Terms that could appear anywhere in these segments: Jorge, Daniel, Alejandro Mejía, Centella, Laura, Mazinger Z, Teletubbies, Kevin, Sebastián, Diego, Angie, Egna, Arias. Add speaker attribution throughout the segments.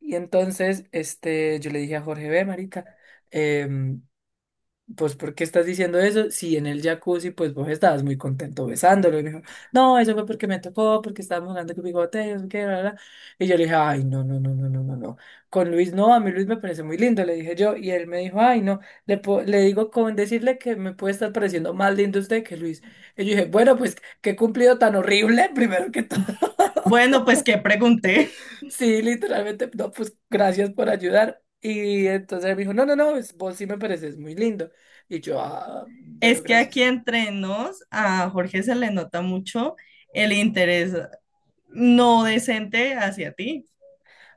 Speaker 1: Y entonces, yo le dije a Jorge, ve, marica, em, pues, ¿por qué estás diciendo eso? Si en el jacuzzi, pues, vos estabas muy contento besándolo. Y me dijo, no, eso fue porque me tocó, porque estábamos jugando con bigote, no sé qué, bla, bla". Y yo le dije, ay, no, no, no, no, no, no, no. Con Luis, no, a mí Luis me parece muy lindo, le dije yo. Y él me dijo, ay, no, le digo con decirle que me puede estar pareciendo más lindo usted que Luis. Y yo dije, bueno, pues, qué cumplido tan horrible, primero que todo.
Speaker 2: Bueno, pues que pregunté.
Speaker 1: Sí, literalmente, no, pues gracias por ayudar. Y entonces él me dijo, no, no, no, pues, vos sí me pareces muy lindo. Y yo, ah,
Speaker 2: Es
Speaker 1: bueno,
Speaker 2: que aquí
Speaker 1: gracias.
Speaker 2: entre nos a Jorge se le nota mucho el interés no decente hacia ti.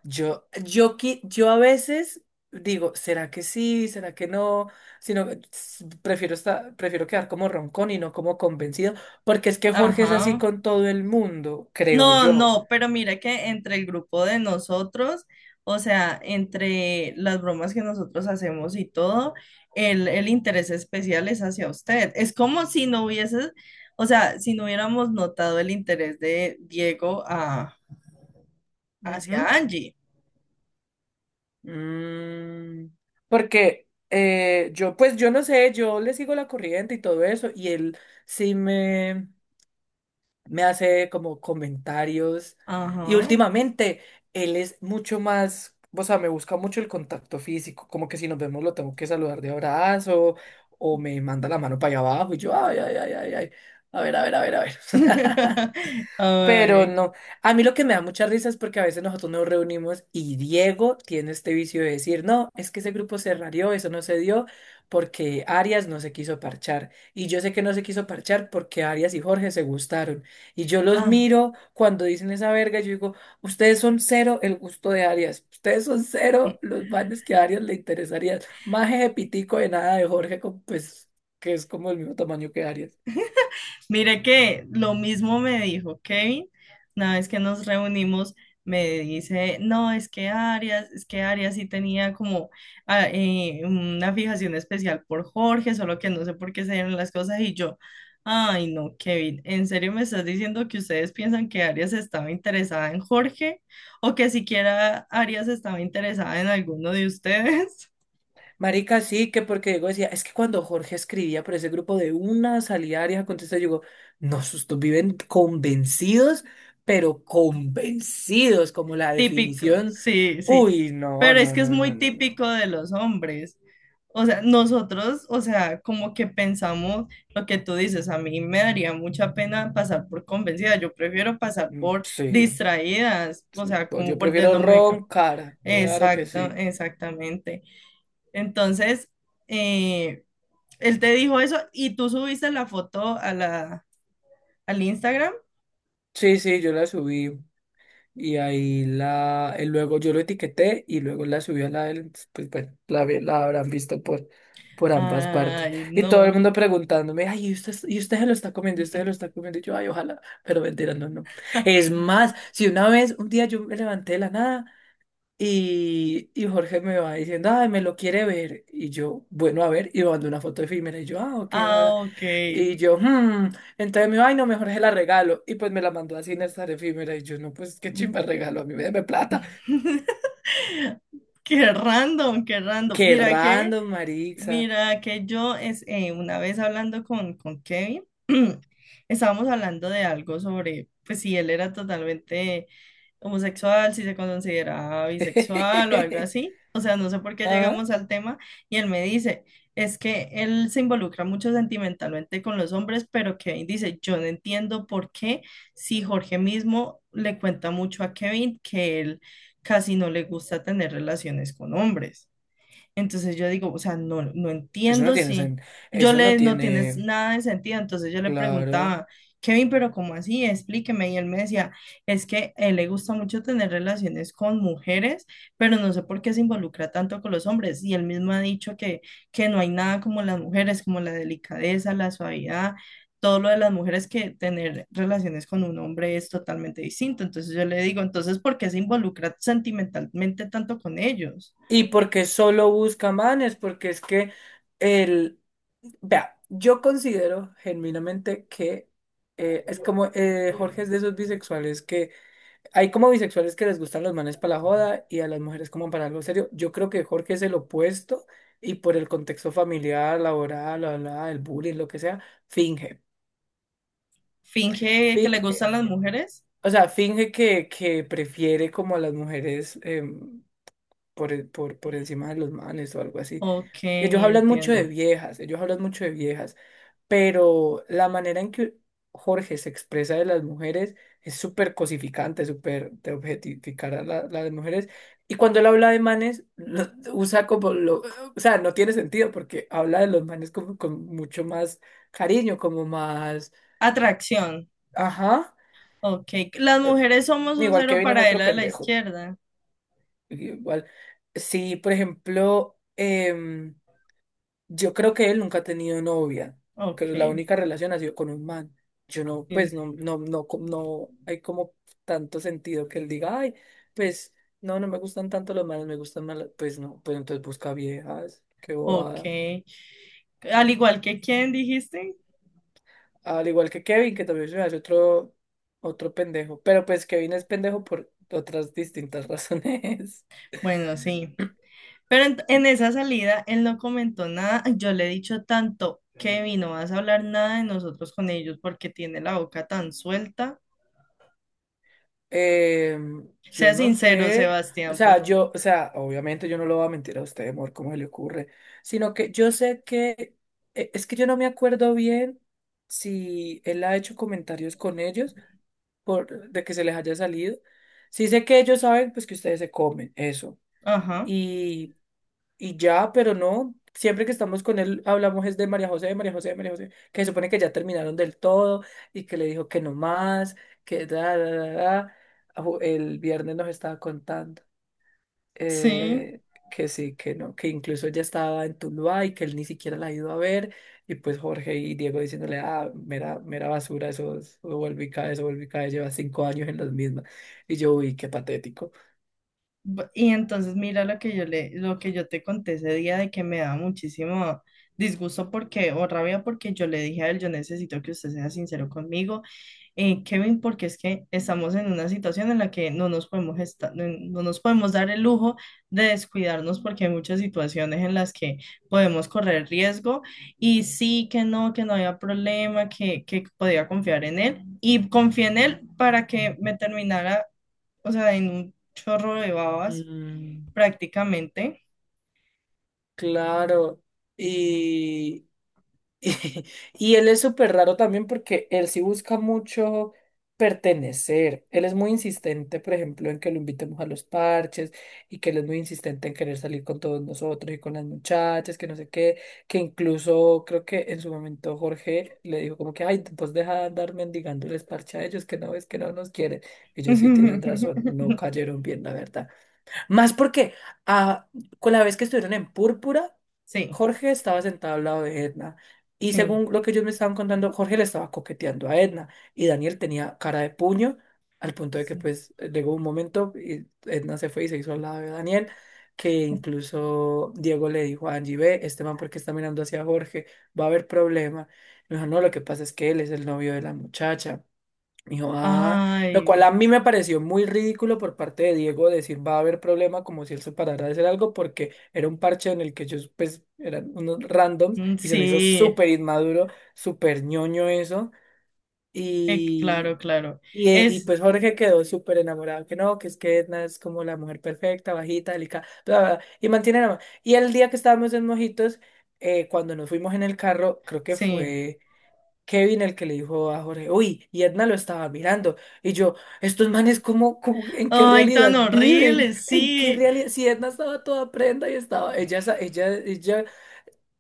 Speaker 1: Yo a veces digo, ¿será que sí? ¿Será que no? Sino que prefiero quedar como roncón y no como convencido, porque es que Jorge es así
Speaker 2: Ajá.
Speaker 1: con todo el mundo, creo
Speaker 2: No,
Speaker 1: yo.
Speaker 2: no, pero mira que entre el grupo de nosotros, o sea, entre las bromas que nosotros hacemos y todo, el interés especial es hacia usted. Es como si no hubieses, o sea, si no hubiéramos notado el interés de Diego a, hacia
Speaker 1: Ujú.
Speaker 2: Angie.
Speaker 1: Mm, Porque yo, pues yo no sé, yo le sigo la corriente y todo eso, y él sí me hace como comentarios y
Speaker 2: Ajá.
Speaker 1: últimamente él es mucho más, o sea, me busca mucho el contacto físico, como que si nos vemos lo tengo que saludar de abrazo o me manda la mano para allá abajo y yo, ay, ay, ay, ay, ay, a ver, a ver, a ver, a ver. Pero
Speaker 2: Ay,
Speaker 1: no, a mí lo que me da mucha risa es porque a veces nosotros nos reunimos y Diego tiene este vicio de decir, no, es que ese grupo se rarió, eso no se dio porque Arias no se quiso parchar. Y yo sé que no se quiso parchar porque Arias y Jorge se gustaron. Y yo los
Speaker 2: ah.
Speaker 1: miro cuando dicen esa verga, y yo digo, ustedes son cero el gusto de Arias, ustedes son cero los manes que a Arias le interesaría. Más de pitico de nada de Jorge, pues que es como el mismo tamaño que Arias.
Speaker 2: Mire que lo mismo me dijo Kevin, una vez que nos reunimos, me dice, no, es que Arias sí tenía como una fijación especial por Jorge, solo que no sé por qué se dieron las cosas y yo, ay no, Kevin, ¿en serio me estás diciendo que ustedes piensan que Arias estaba interesada en Jorge o que siquiera Arias estaba interesada en alguno de ustedes?
Speaker 1: Marica, sí, que porque Diego decía, es que cuando Jorge escribía por ese grupo de una salida Arias contesta, yo digo, no, estos viven convencidos, pero convencidos, como la
Speaker 2: Típico,
Speaker 1: definición.
Speaker 2: sí, sí.
Speaker 1: Uy, no,
Speaker 2: Pero es
Speaker 1: no,
Speaker 2: que es
Speaker 1: no, no,
Speaker 2: muy
Speaker 1: no, no.
Speaker 2: típico de los hombres. O sea, nosotros, o sea, como que pensamos lo que tú dices, a mí me daría mucha pena pasar por convencida, yo prefiero pasar
Speaker 1: Mm,
Speaker 2: por
Speaker 1: sí,
Speaker 2: distraídas, o
Speaker 1: sí.
Speaker 2: sea,
Speaker 1: Pues
Speaker 2: como
Speaker 1: yo
Speaker 2: por
Speaker 1: prefiero
Speaker 2: no me.
Speaker 1: roncar, claro que
Speaker 2: Exacto,
Speaker 1: sí.
Speaker 2: exactamente. Entonces, eh, él te dijo eso y tú subiste la foto a la, al Instagram.
Speaker 1: Sí, sí, yo la subí. Y ahí la, él luego yo lo etiqueté y luego la subí a la del, pues bueno, la habrán visto por ambas partes.
Speaker 2: Ay,
Speaker 1: Y todo el
Speaker 2: no.
Speaker 1: mundo preguntándome, ay, y usted se lo está comiendo? ¿Y usted se lo está comiendo? Y yo, ay, ojalá, pero mentira, no, no. Es más, si una vez, un día yo me levanté de la nada. Y Jorge me va diciendo, ay, me lo quiere ver. Y yo, bueno, a ver, y me mandó una foto efímera. Y yo, ah, ok, bla, bla".
Speaker 2: Ah, ok.
Speaker 1: Y yo, hmm. Entonces me dijo, ay, no, mejor se la regalo. Y pues me la mandó así en esta efímera. Y yo, no, pues qué chimba el regalo, a mí me plata.
Speaker 2: Qué random, qué random.
Speaker 1: Qué
Speaker 2: Mira que
Speaker 1: random, Marixa.
Speaker 2: mira, que yo es, una vez hablando con Kevin, estábamos hablando de algo sobre, pues si él era totalmente homosexual, si se consideraba bisexual o algo así. O sea, no sé por qué
Speaker 1: Ah,
Speaker 2: llegamos al tema y él me dice, es que él se involucra mucho sentimentalmente con los hombres, pero Kevin dice, yo no entiendo por qué si Jorge mismo le cuenta mucho a Kevin que él casi no le gusta tener relaciones con hombres. Entonces yo digo, o sea, no, no
Speaker 1: eso no
Speaker 2: entiendo
Speaker 1: tiene
Speaker 2: si
Speaker 1: sen-
Speaker 2: yo
Speaker 1: Eso no
Speaker 2: le, no tienes
Speaker 1: tiene.
Speaker 2: nada de sentido. Entonces yo le
Speaker 1: Claro.
Speaker 2: preguntaba, Kevin, pero ¿cómo así? Explíqueme. Y él me decía, es que a él le gusta mucho tener relaciones con mujeres, pero no sé por qué se involucra tanto con los hombres. Y él mismo ha dicho que no hay nada como las mujeres, como la delicadeza, la suavidad. Todo lo de las mujeres que tener relaciones con un hombre es totalmente distinto. Entonces yo le digo, entonces, ¿por qué se involucra sentimentalmente tanto con ellos?
Speaker 1: Y porque solo busca manes, porque es que el... Vea, yo considero genuinamente que es como Jorge es de esos bisexuales que hay como bisexuales que les gustan los manes para la joda y a las mujeres como para algo serio. Yo creo que Jorge es el opuesto y por el contexto familiar, laboral, bla, bla, el bullying, lo que sea, finge.
Speaker 2: Finge que le
Speaker 1: Finge,
Speaker 2: gustan las mujeres.
Speaker 1: o sea, finge que prefiere como a las mujeres. Por encima de los manes o algo así.
Speaker 2: Ok,
Speaker 1: Ellos hablan mucho de
Speaker 2: entiendo.
Speaker 1: viejas, ellos hablan mucho de viejas, pero la manera en que Jorge se expresa de las mujeres es súper cosificante, súper de objetificar a la- las mujeres. Y cuando él habla de manes, usa como lo... O sea, no tiene sentido porque habla de los manes como con mucho más cariño, como más...
Speaker 2: Atracción.
Speaker 1: Ajá.
Speaker 2: Ok. Las
Speaker 1: eh,
Speaker 2: mujeres somos un
Speaker 1: Igual que
Speaker 2: cero
Speaker 1: viene
Speaker 2: para él
Speaker 1: otro
Speaker 2: a la
Speaker 1: pendejo.
Speaker 2: izquierda.
Speaker 1: Igual. Sí, por ejemplo... Yo creo que él nunca ha tenido novia, que
Speaker 2: Ok.
Speaker 1: la única relación ha sido con un man. Yo no,
Speaker 2: Sí,
Speaker 1: pues no, no, no, no hay como tanto sentido que él diga, ay, pues no, no me gustan tanto los manes, me gustan más, las-". Pues no, pues entonces busca viejas, qué
Speaker 2: ok.
Speaker 1: bobada.
Speaker 2: Al igual que quién dijiste.
Speaker 1: Al igual que Kevin, que también se me hace otro, otro pendejo, pero pues Kevin es pendejo por otras distintas razones.
Speaker 2: Bueno, sí. Pero en esa salida él no comentó nada. Yo le he dicho tanto, Kevin, no vas a hablar nada de nosotros con ellos porque tiene la boca tan suelta.
Speaker 1: Eh, yo
Speaker 2: Sea
Speaker 1: no
Speaker 2: sincero,
Speaker 1: sé, o
Speaker 2: Sebastián, por
Speaker 1: sea,
Speaker 2: favor.
Speaker 1: yo, o sea, obviamente yo no lo voy a mentir a usted, amor, cómo se le ocurre, sino que yo sé que, es que yo no me acuerdo bien si él ha hecho comentarios con ellos por, de que se les haya salido. Sí sé que ellos saben, pues, que ustedes se comen, eso
Speaker 2: Ajá.
Speaker 1: y ya, pero no, siempre que estamos con él hablamos es de María José, de María José, de María José, que se supone que ya terminaron del todo y que le dijo que no más, que da, da, da, da. El viernes nos estaba contando
Speaker 2: Sí.
Speaker 1: eh, que sí, que no, que incluso ella estaba en Tuluá y que él ni siquiera la ha ido a ver. Y pues Jorge y Diego diciéndole, ah, mera, mera basura, eso, es- eso vuelve y cae, eso vuelve y cae, lleva 5 años en las mismas. Y yo, uy, qué patético.
Speaker 2: B- Y entonces mira lo que yo le, lo que yo te conté ese día de que me da muchísimo disgusto porque, o rabia porque yo le dije a él, yo necesito que usted sea sincero conmigo, Kevin, porque es que estamos en una situación en la que no nos podemos esta- no nos podemos dar el lujo de descuidarnos porque hay muchas situaciones en las que podemos correr riesgo y sí que no había problema, que podía confiar en él y confié en él para que me terminara, o sea, en un chorro de babas,
Speaker 1: Mm,
Speaker 2: prácticamente.
Speaker 1: claro. Y, Y él es súper raro también porque él sí busca mucho pertenecer. Él es muy insistente, por ejemplo, en que lo invitemos a los parches y que él es muy insistente en querer salir con todos nosotros y con las muchachas, que no sé qué, que incluso creo que en su momento Jorge le dijo como que, ay, pues deja de andar mendigándoles parche a ellos, que no ves que no nos quieren. Y yo sí, tienen razón, no cayeron bien, la verdad. Más porque ah, con la vez que estuvieron en Púrpura,
Speaker 2: Sí,
Speaker 1: Jorge estaba sentado al lado de Edna. Y
Speaker 2: sí,
Speaker 1: según lo que ellos me estaban contando, Jorge le estaba coqueteando a Edna. Y Daniel tenía cara de puño, al punto de que
Speaker 2: sí.
Speaker 1: pues llegó un momento y Edna se fue y se hizo al lado de Daniel, que incluso Diego le dijo a Angie, ve, este man, ¿por qué está mirando hacia Jorge? Va a haber problema. Y me dijo, no, lo que pasa es que él es el novio de la muchacha. Dijo, ah, lo cual
Speaker 2: Ay,
Speaker 1: a mí me pareció muy ridículo por parte de Diego decir va a haber problema como si él se parara de hacer algo porque era un parche en el que ellos pues eran unos randoms
Speaker 2: mm,
Speaker 1: y se me hizo
Speaker 2: sí,
Speaker 1: súper inmaduro, súper ñoño eso
Speaker 2: claro,
Speaker 1: y,
Speaker 2: claro.
Speaker 1: y
Speaker 2: Es,
Speaker 1: pues Jorge quedó súper enamorado que no, que es que Edna es como la mujer perfecta, bajita, delicada, bla, bla, bla, y mantiene la. Y el día que estábamos en Mojitos, cuando nos fuimos en el carro, creo que
Speaker 2: sí.
Speaker 1: fue... Kevin el que le dijo a Jorge, uy, y Edna lo estaba mirando. Y yo, estos manes, ¿cómo, cómo- en qué
Speaker 2: Ay, tan
Speaker 1: realidad viven?
Speaker 2: horrible,
Speaker 1: ¿En qué
Speaker 2: sí.
Speaker 1: realidad? Si Edna estaba toda prenda y estaba, ella,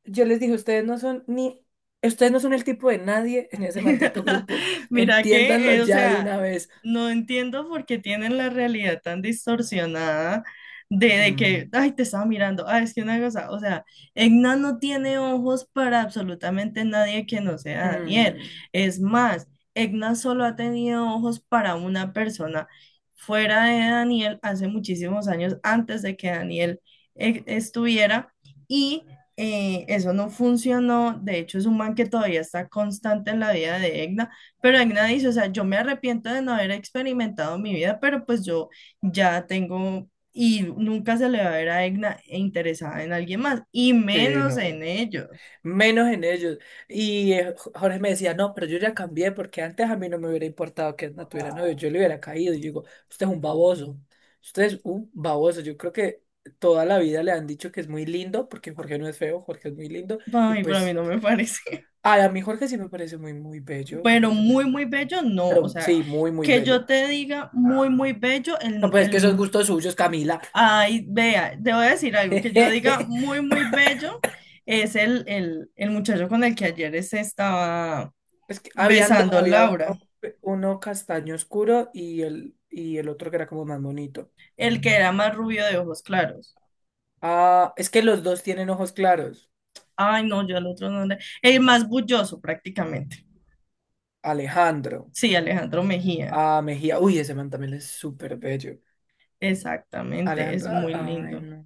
Speaker 1: yo les dije, ustedes no son ni, ustedes no son el tipo de nadie en ese maldito grupo.
Speaker 2: Mira
Speaker 1: Entiéndanlo
Speaker 2: que, o
Speaker 1: ya de
Speaker 2: sea,
Speaker 1: una vez.
Speaker 2: no entiendo por qué tienen la realidad tan distorsionada de
Speaker 1: Mm,
Speaker 2: que, ay, te estaba mirando, ay, es que una cosa, o sea, Egna no tiene ojos para absolutamente nadie que no sea Daniel.
Speaker 1: mm,
Speaker 2: Es más, Egna solo ha tenido ojos para una persona fuera de Daniel hace muchísimos años antes de que Daniel estuviera. Y eso no funcionó, de hecho es un man que todavía está constante en la vida de Egna, pero Egna dice, o sea, yo me arrepiento de no haber experimentado mi vida, pero pues yo ya tengo y nunca se le va a ver a Egna interesada en alguien más, y
Speaker 1: sí,
Speaker 2: menos en
Speaker 1: no.
Speaker 2: ellos.
Speaker 1: Menos en ellos. Y Jorge me decía, no, pero yo ya cambié porque antes a mí no me hubiera importado que Edna tuviera novio, yo le hubiera caído. Y yo digo, usted es un baboso, usted es un baboso. Yo creo que toda la vida le han dicho que es muy lindo porque Jorge no es feo, Jorge es muy lindo. Y
Speaker 2: Ay, para mí
Speaker 1: pues,
Speaker 2: no me parece,
Speaker 1: ay, a mí Jorge sí me parece muy, muy bello, me
Speaker 2: pero
Speaker 1: parece muy
Speaker 2: muy, muy
Speaker 1: atractivo.
Speaker 2: bello, no, o
Speaker 1: Pero
Speaker 2: sea,
Speaker 1: sí, muy, muy
Speaker 2: que
Speaker 1: bello.
Speaker 2: yo te diga muy, muy bello,
Speaker 1: No,
Speaker 2: el,
Speaker 1: pues es
Speaker 2: el
Speaker 1: que esos gustos suyos, Camila.
Speaker 2: Ay, vea, te voy a decir algo que yo diga muy, muy bello. Es el muchacho con el que ayer se estaba
Speaker 1: Es que habían dos,
Speaker 2: besando
Speaker 1: había uno,
Speaker 2: Laura,
Speaker 1: uno castaño oscuro y el otro que era como más bonito.
Speaker 2: el que era más rubio de ojos claros.
Speaker 1: Ah, es que los dos tienen ojos claros.
Speaker 2: Ay, no, yo al otro no le... El más bulloso prácticamente.
Speaker 1: Alejandro.
Speaker 2: Sí, Alejandro Mejía.
Speaker 1: Ah, Mejía. Uy, ese man también es súper bello.
Speaker 2: Exactamente, es
Speaker 1: Alejandro.
Speaker 2: muy
Speaker 1: Ay,
Speaker 2: lindo.
Speaker 1: no.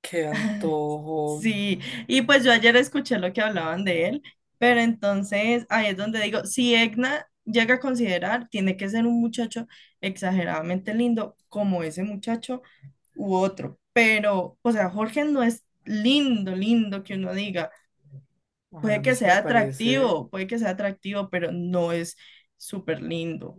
Speaker 1: Qué antojo.
Speaker 2: Sí, y pues yo ayer escuché lo que hablaban de él, pero entonces ahí es donde digo, si Egna llega a considerar, tiene que ser un muchacho exageradamente lindo como ese muchacho u otro, pero, o sea, Jorge no es lindo, lindo que uno diga,
Speaker 1: Ay, a
Speaker 2: puede
Speaker 1: mí
Speaker 2: que
Speaker 1: sí me
Speaker 2: sea
Speaker 1: parece.
Speaker 2: atractivo, puede que sea atractivo, pero no es súper lindo.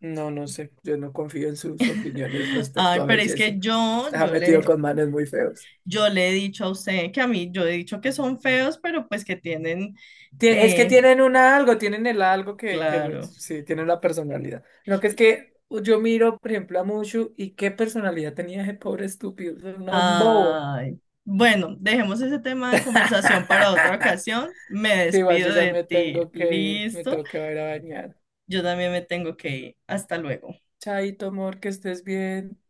Speaker 1: No, no sé. Yo no confío en sus opiniones respecto
Speaker 2: Ay,
Speaker 1: a
Speaker 2: pero es
Speaker 1: belleza.
Speaker 2: que yo,
Speaker 1: Está metido con manes muy feos.
Speaker 2: yo le he dicho a usted que a mí, yo he dicho que son feos, pero pues que tienen...
Speaker 1: Es que
Speaker 2: eh,
Speaker 1: tienen una algo, tienen el algo que
Speaker 2: Claro.
Speaker 1: les- sí, tienen la personalidad. No, que es que yo miro, por ejemplo, a Mushu y qué personalidad tenía ese pobre estúpido. Era un bobo.
Speaker 2: Ay. Bueno, dejemos ese tema de conversación para otra ocasión. Me
Speaker 1: Sí, igual yo
Speaker 2: despido
Speaker 1: ya
Speaker 2: de
Speaker 1: me
Speaker 2: ti.
Speaker 1: tengo que ir, me
Speaker 2: Listo.
Speaker 1: tengo que ir a bañar.
Speaker 2: Yo también me tengo que ir. Hasta luego.
Speaker 1: Chaito, amor, que estés bien.